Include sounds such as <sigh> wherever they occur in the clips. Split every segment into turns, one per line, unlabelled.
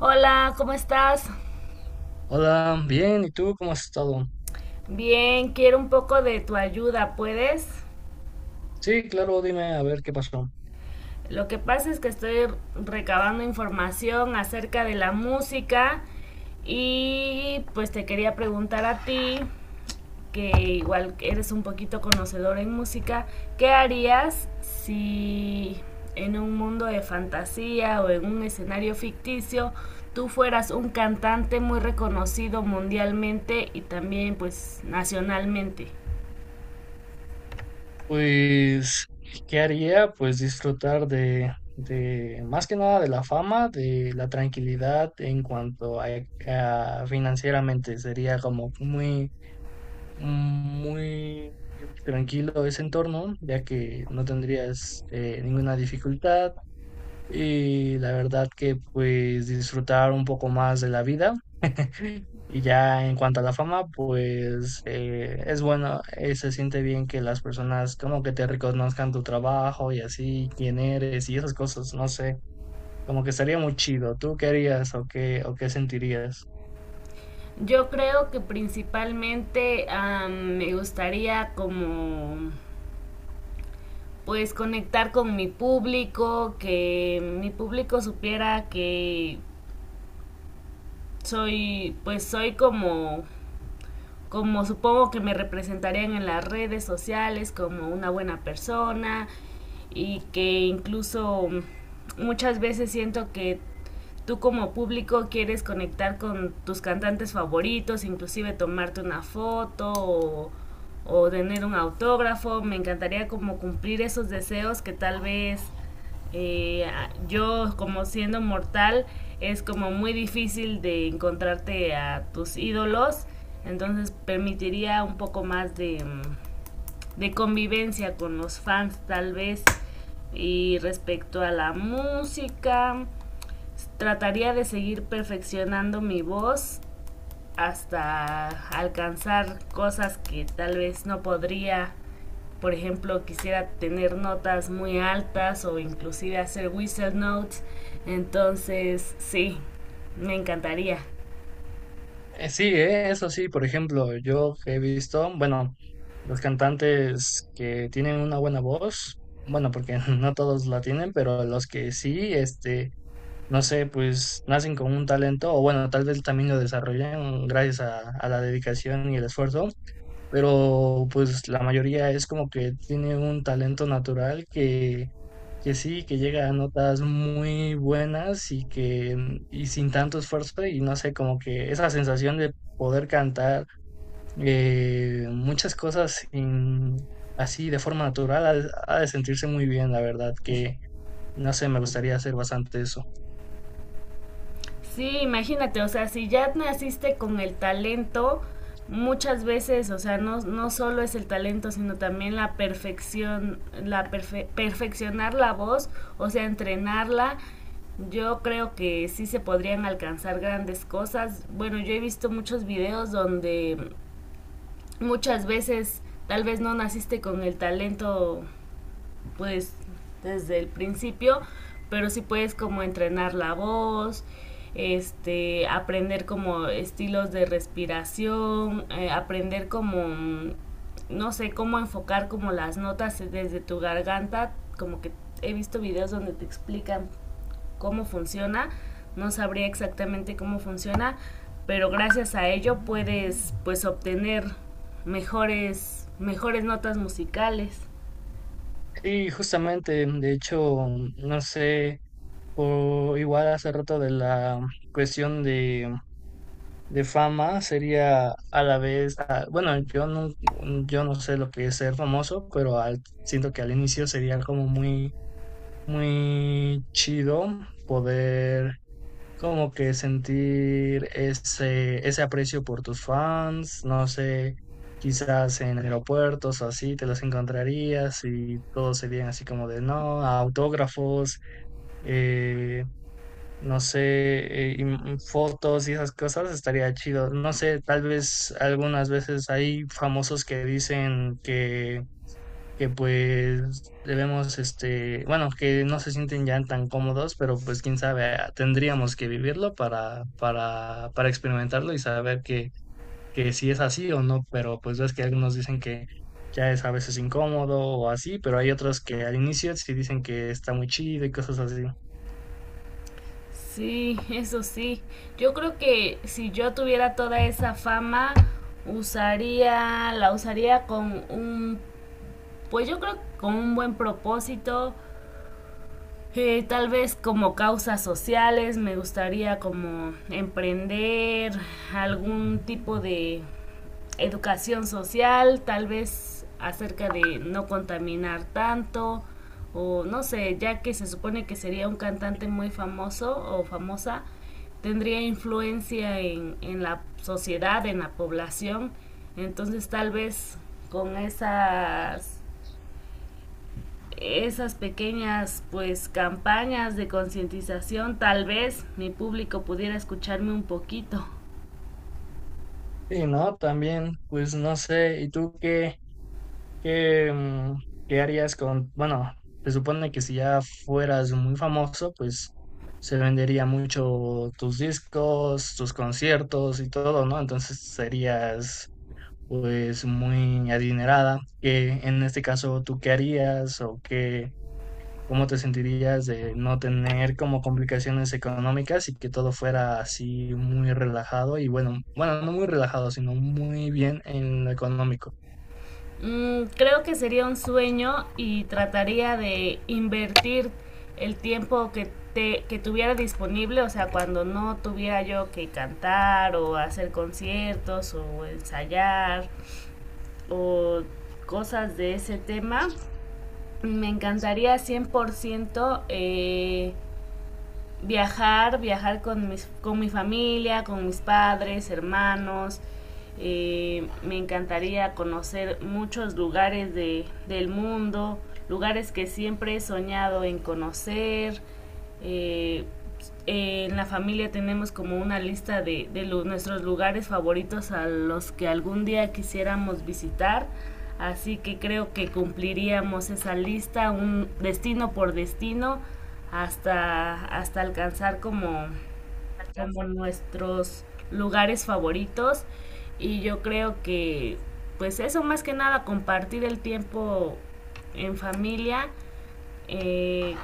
Hola, ¿cómo estás?
Hola, bien, ¿y tú cómo has estado?
Bien, quiero un poco de tu ayuda, ¿puedes?
Sí, claro, dime a ver qué pasó.
Lo que pasa es que estoy recabando información acerca de la música y pues te quería preguntar a ti, que igual eres un poquito conocedor en música, ¿qué harías si en un mundo de fantasía o en un escenario ficticio tú fueras un cantante muy reconocido mundialmente y también pues nacionalmente?
Pues, ¿qué haría? Pues disfrutar de más que nada de la fama, de la tranquilidad en cuanto a financieramente. Sería como muy tranquilo ese entorno, ya que no tendrías ninguna dificultad. Y la verdad que pues disfrutar un poco más de la vida. Y ya en cuanto a la fama, pues es bueno, se siente bien que las personas como que te reconozcan tu trabajo y así, quién eres y esas cosas, no sé, como que estaría muy chido. ¿Tú qué harías o o qué sentirías?
Yo creo que principalmente me gustaría como pues conectar con mi público, que mi público supiera que soy como como supongo que me representarían en las redes sociales como una buena persona y que incluso muchas veces siento que tú como público quieres conectar con tus cantantes favoritos, inclusive tomarte una foto o tener un autógrafo. Me encantaría como cumplir esos deseos que tal vez eh, yo como siendo mortal es como muy difícil de encontrarte a tus ídolos. Entonces permitiría un poco más de de convivencia con los fans tal vez. Y respecto a la música, trataría de seguir perfeccionando mi voz hasta alcanzar cosas que tal vez no podría. Por ejemplo, quisiera tener notas muy altas o inclusive hacer whistle notes. Entonces, sí, me encantaría.
Sí, eso sí, por ejemplo, yo que he visto, bueno, los cantantes que tienen una buena voz, bueno, porque <laughs> no todos la tienen, pero los que sí, este, no sé, pues nacen con un talento, o bueno, tal vez también lo desarrollan gracias a la dedicación y el esfuerzo, pero pues la mayoría es como que tiene un talento natural que sí, que llega a notas muy buenas y que y sin tanto esfuerzo y no sé, como que esa sensación de poder cantar muchas cosas así de forma natural ha de sentirse muy bien, la verdad, que no sé, me gustaría hacer bastante eso.
Sí, imagínate, o sea, si ya naciste con el talento, muchas veces, o sea, no, no solo es el talento, sino también la perfección, perfeccionar la voz, o sea, entrenarla. Yo creo que sí se podrían alcanzar grandes cosas. Bueno, yo he visto muchos videos donde muchas veces tal vez no naciste con el talento pues desde el principio, pero sí puedes como entrenar la voz, este, aprender como estilos de respiración, aprender como no sé, cómo enfocar como las notas desde tu garganta, como que he visto videos donde te explican cómo funciona, no sabría exactamente cómo funciona, pero gracias a ello puedes pues obtener mejores notas musicales.
Sí, justamente, de hecho, no sé, o igual hace rato de la cuestión de fama sería a la vez, ah, bueno, yo no sé lo que es ser famoso, pero siento que al inicio sería como muy chido poder como que sentir ese aprecio por tus fans, no sé, quizás en aeropuertos o así te los encontrarías y todos serían así como de, no, autógrafos, eh, no sé, y fotos y esas cosas, estaría chido. No sé, tal vez algunas veces hay famosos que dicen que pues debemos, este, bueno, que no se sienten ya tan cómodos, pero pues quién sabe, ah, tendríamos que vivirlo para experimentarlo y saber que si es así o no, pero pues ves que algunos dicen que ya es a veces incómodo o así, pero hay otros que al inicio sí dicen que está muy chido y cosas así.
Sí, eso sí. Yo creo que si yo tuviera toda esa fama, la usaría con un, pues yo creo que con un buen propósito, tal vez como causas sociales, me gustaría como emprender algún tipo de educación social, tal vez acerca de no contaminar tanto, o no sé, ya que se supone que sería un cantante muy famoso o famosa, tendría influencia en la sociedad, en la población, entonces tal vez con esas esas pequeñas pues campañas de concientización tal vez mi público pudiera escucharme un poquito.
Sí, no, también, pues no sé, ¿y tú qué? ¿Qué, qué harías con, bueno, se supone que si ya fueras muy famoso, pues se vendería mucho tus discos, tus conciertos y todo, ¿no? Entonces serías pues muy adinerada. ¿Qué en este caso, tú qué harías o qué, cómo te sentirías de no tener como complicaciones económicas y que todo fuera así muy relajado y bueno, no muy relajado, sino muy bien en lo económico?
Mm, creo que sería un sueño y trataría de invertir el tiempo que tuviera disponible, o sea, cuando no tuviera yo que cantar o hacer conciertos o ensayar o cosas de ese tema, me encantaría 100% viajar, viajar con mi familia, con mis padres, hermanos. Me encantaría conocer muchos lugares del mundo, lugares que siempre he soñado en conocer. Eh, en la familia tenemos como una lista de nuestros lugares favoritos a los que algún día quisiéramos visitar. Así que creo que cumpliríamos esa lista, un destino por destino, hasta alcanzar como, como nuestros lugares favoritos. Y yo creo que, pues eso más que nada, compartir el tiempo en familia, eh,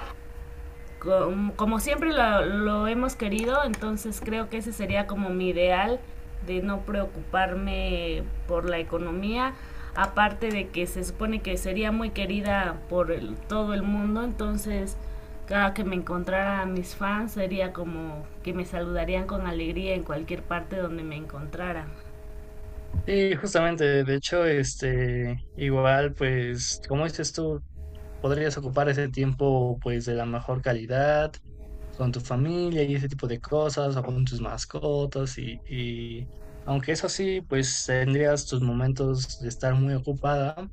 como siempre lo hemos querido, entonces creo que ese sería como mi ideal de no preocuparme por la economía, aparte de que se supone que sería muy querida por el- todo el mundo, entonces cada que me encontrara a mis fans sería como que me saludarían con alegría en cualquier parte donde me encontrara.
Sí, justamente, de hecho, este, igual, pues, como dices tú, podrías ocupar ese tiempo, pues, de la mejor calidad con tu familia y ese tipo de cosas, o con tus mascotas, y aunque eso sí, pues, tendrías tus momentos de estar muy ocupada,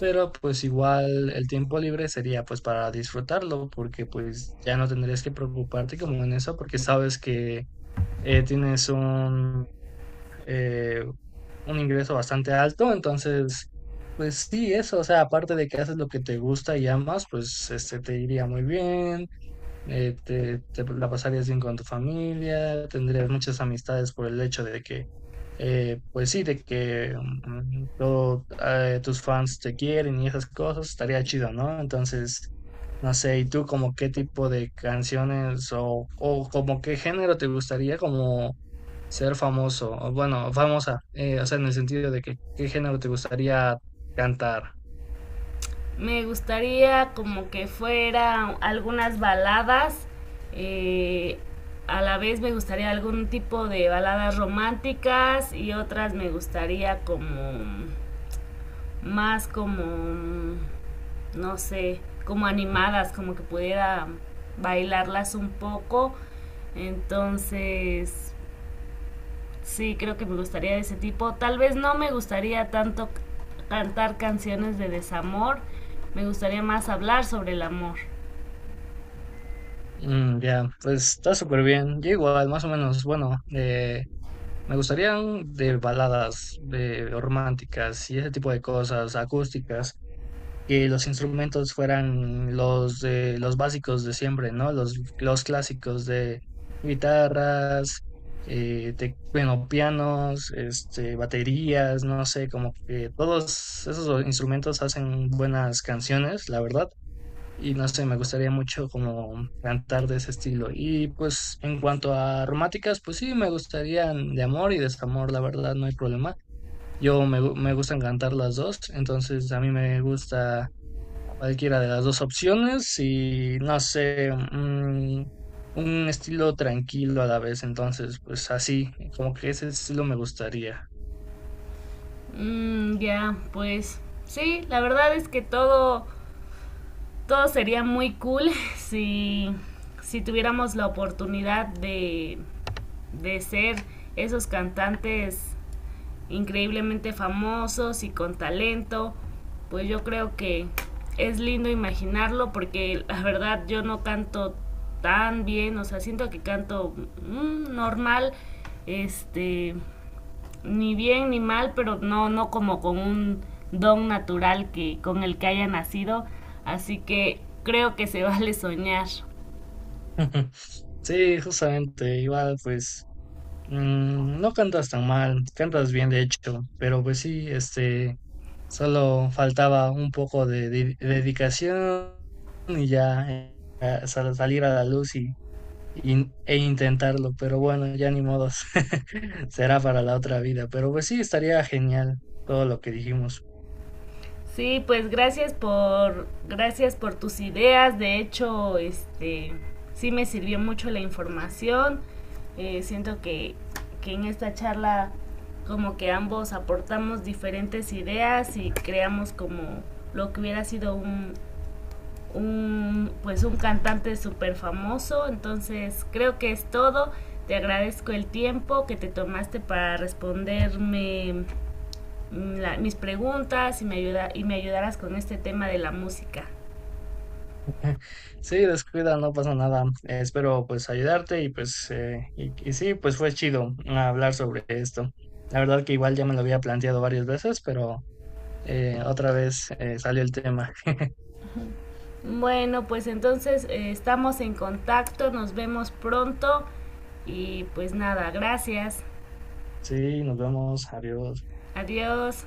pero, pues, igual el tiempo libre sería, pues, para disfrutarlo, porque, pues, ya no tendrías que preocuparte como en eso, porque sabes que tienes eh, un ingreso bastante alto, entonces, pues sí, eso, o sea, aparte de que haces lo que te gusta y amas, pues este te iría muy bien. Te la pasarías bien con tu familia, tendrías muchas amistades por el hecho de que, pues sí, de que todo, tus fans te quieren y esas cosas, estaría chido, ¿no? Entonces, no sé, ¿y tú como qué tipo de canciones o como qué género te gustaría como ser famoso? O bueno, famosa, o sea, en el sentido de que qué género te gustaría cantar.
Me gustaría como que fuera algunas baladas, eh, a la vez me gustaría algún tipo de baladas románticas y otras me gustaría como más como, no sé, como animadas, como que pudiera bailarlas un poco. Entonces, sí, creo que me gustaría de ese tipo. Tal vez no me gustaría tanto cantar canciones de desamor. Me gustaría más hablar sobre el amor.
Ya, pues está súper bien. Yo igual, más o menos, bueno, me gustarían de baladas de románticas y ese tipo de cosas acústicas, que los instrumentos fueran los de los básicos de siempre, ¿no? Los clásicos de guitarras, bueno, pianos, este, baterías, no sé, como que todos esos instrumentos hacen buenas canciones, la verdad, y no sé, me gustaría mucho como cantar de ese estilo. Y pues en cuanto a románticas, pues sí, me gustarían de amor y desamor, la verdad, no hay problema. Yo me gustan cantar las dos, entonces a mí me gusta cualquiera de las dos opciones y no sé, un estilo tranquilo a la vez, entonces pues así, como que ese estilo me gustaría.
Mm, ya, pues sí, la verdad es que todo sería muy cool <laughs> si, si tuviéramos la oportunidad de ser esos cantantes increíblemente famosos y con talento, pues yo creo que es lindo imaginarlo porque la verdad yo no canto tan bien, o sea, siento que canto mm, normal, este, ni bien ni mal, pero no, no como con un don natural que, con el que haya nacido, así que creo que se <laughs> vale soñar.
<laughs> Sí, justamente, igual pues, no cantas tan mal, cantas bien de hecho, pero pues sí, este, solo faltaba un poco de, dedicación y ya a salir a la luz e intentarlo, pero bueno, ya ni modos, <laughs> será para la otra vida, pero pues sí, estaría genial todo lo que dijimos.
Sí, pues gracias por gracias por tus ideas. De hecho, este sí me sirvió mucho la información. Siento que en esta charla como que ambos aportamos diferentes ideas y creamos como lo que hubiera sido un pues un cantante súper famoso. Entonces creo que es todo. Te agradezco el tiempo que te tomaste para responderme mis preguntas y me ayudarás con este tema de la música.
<laughs> Sí, descuida, no pasa nada, espero pues ayudarte y pues, y sí, pues fue chido hablar sobre esto. La verdad que igual ya me lo había planteado varias veces, pero otra vez salió el tema.
Bueno, pues entonces estamos en contacto, nos vemos pronto y pues nada, gracias,
Sí, nos vemos, adiós.
adiós.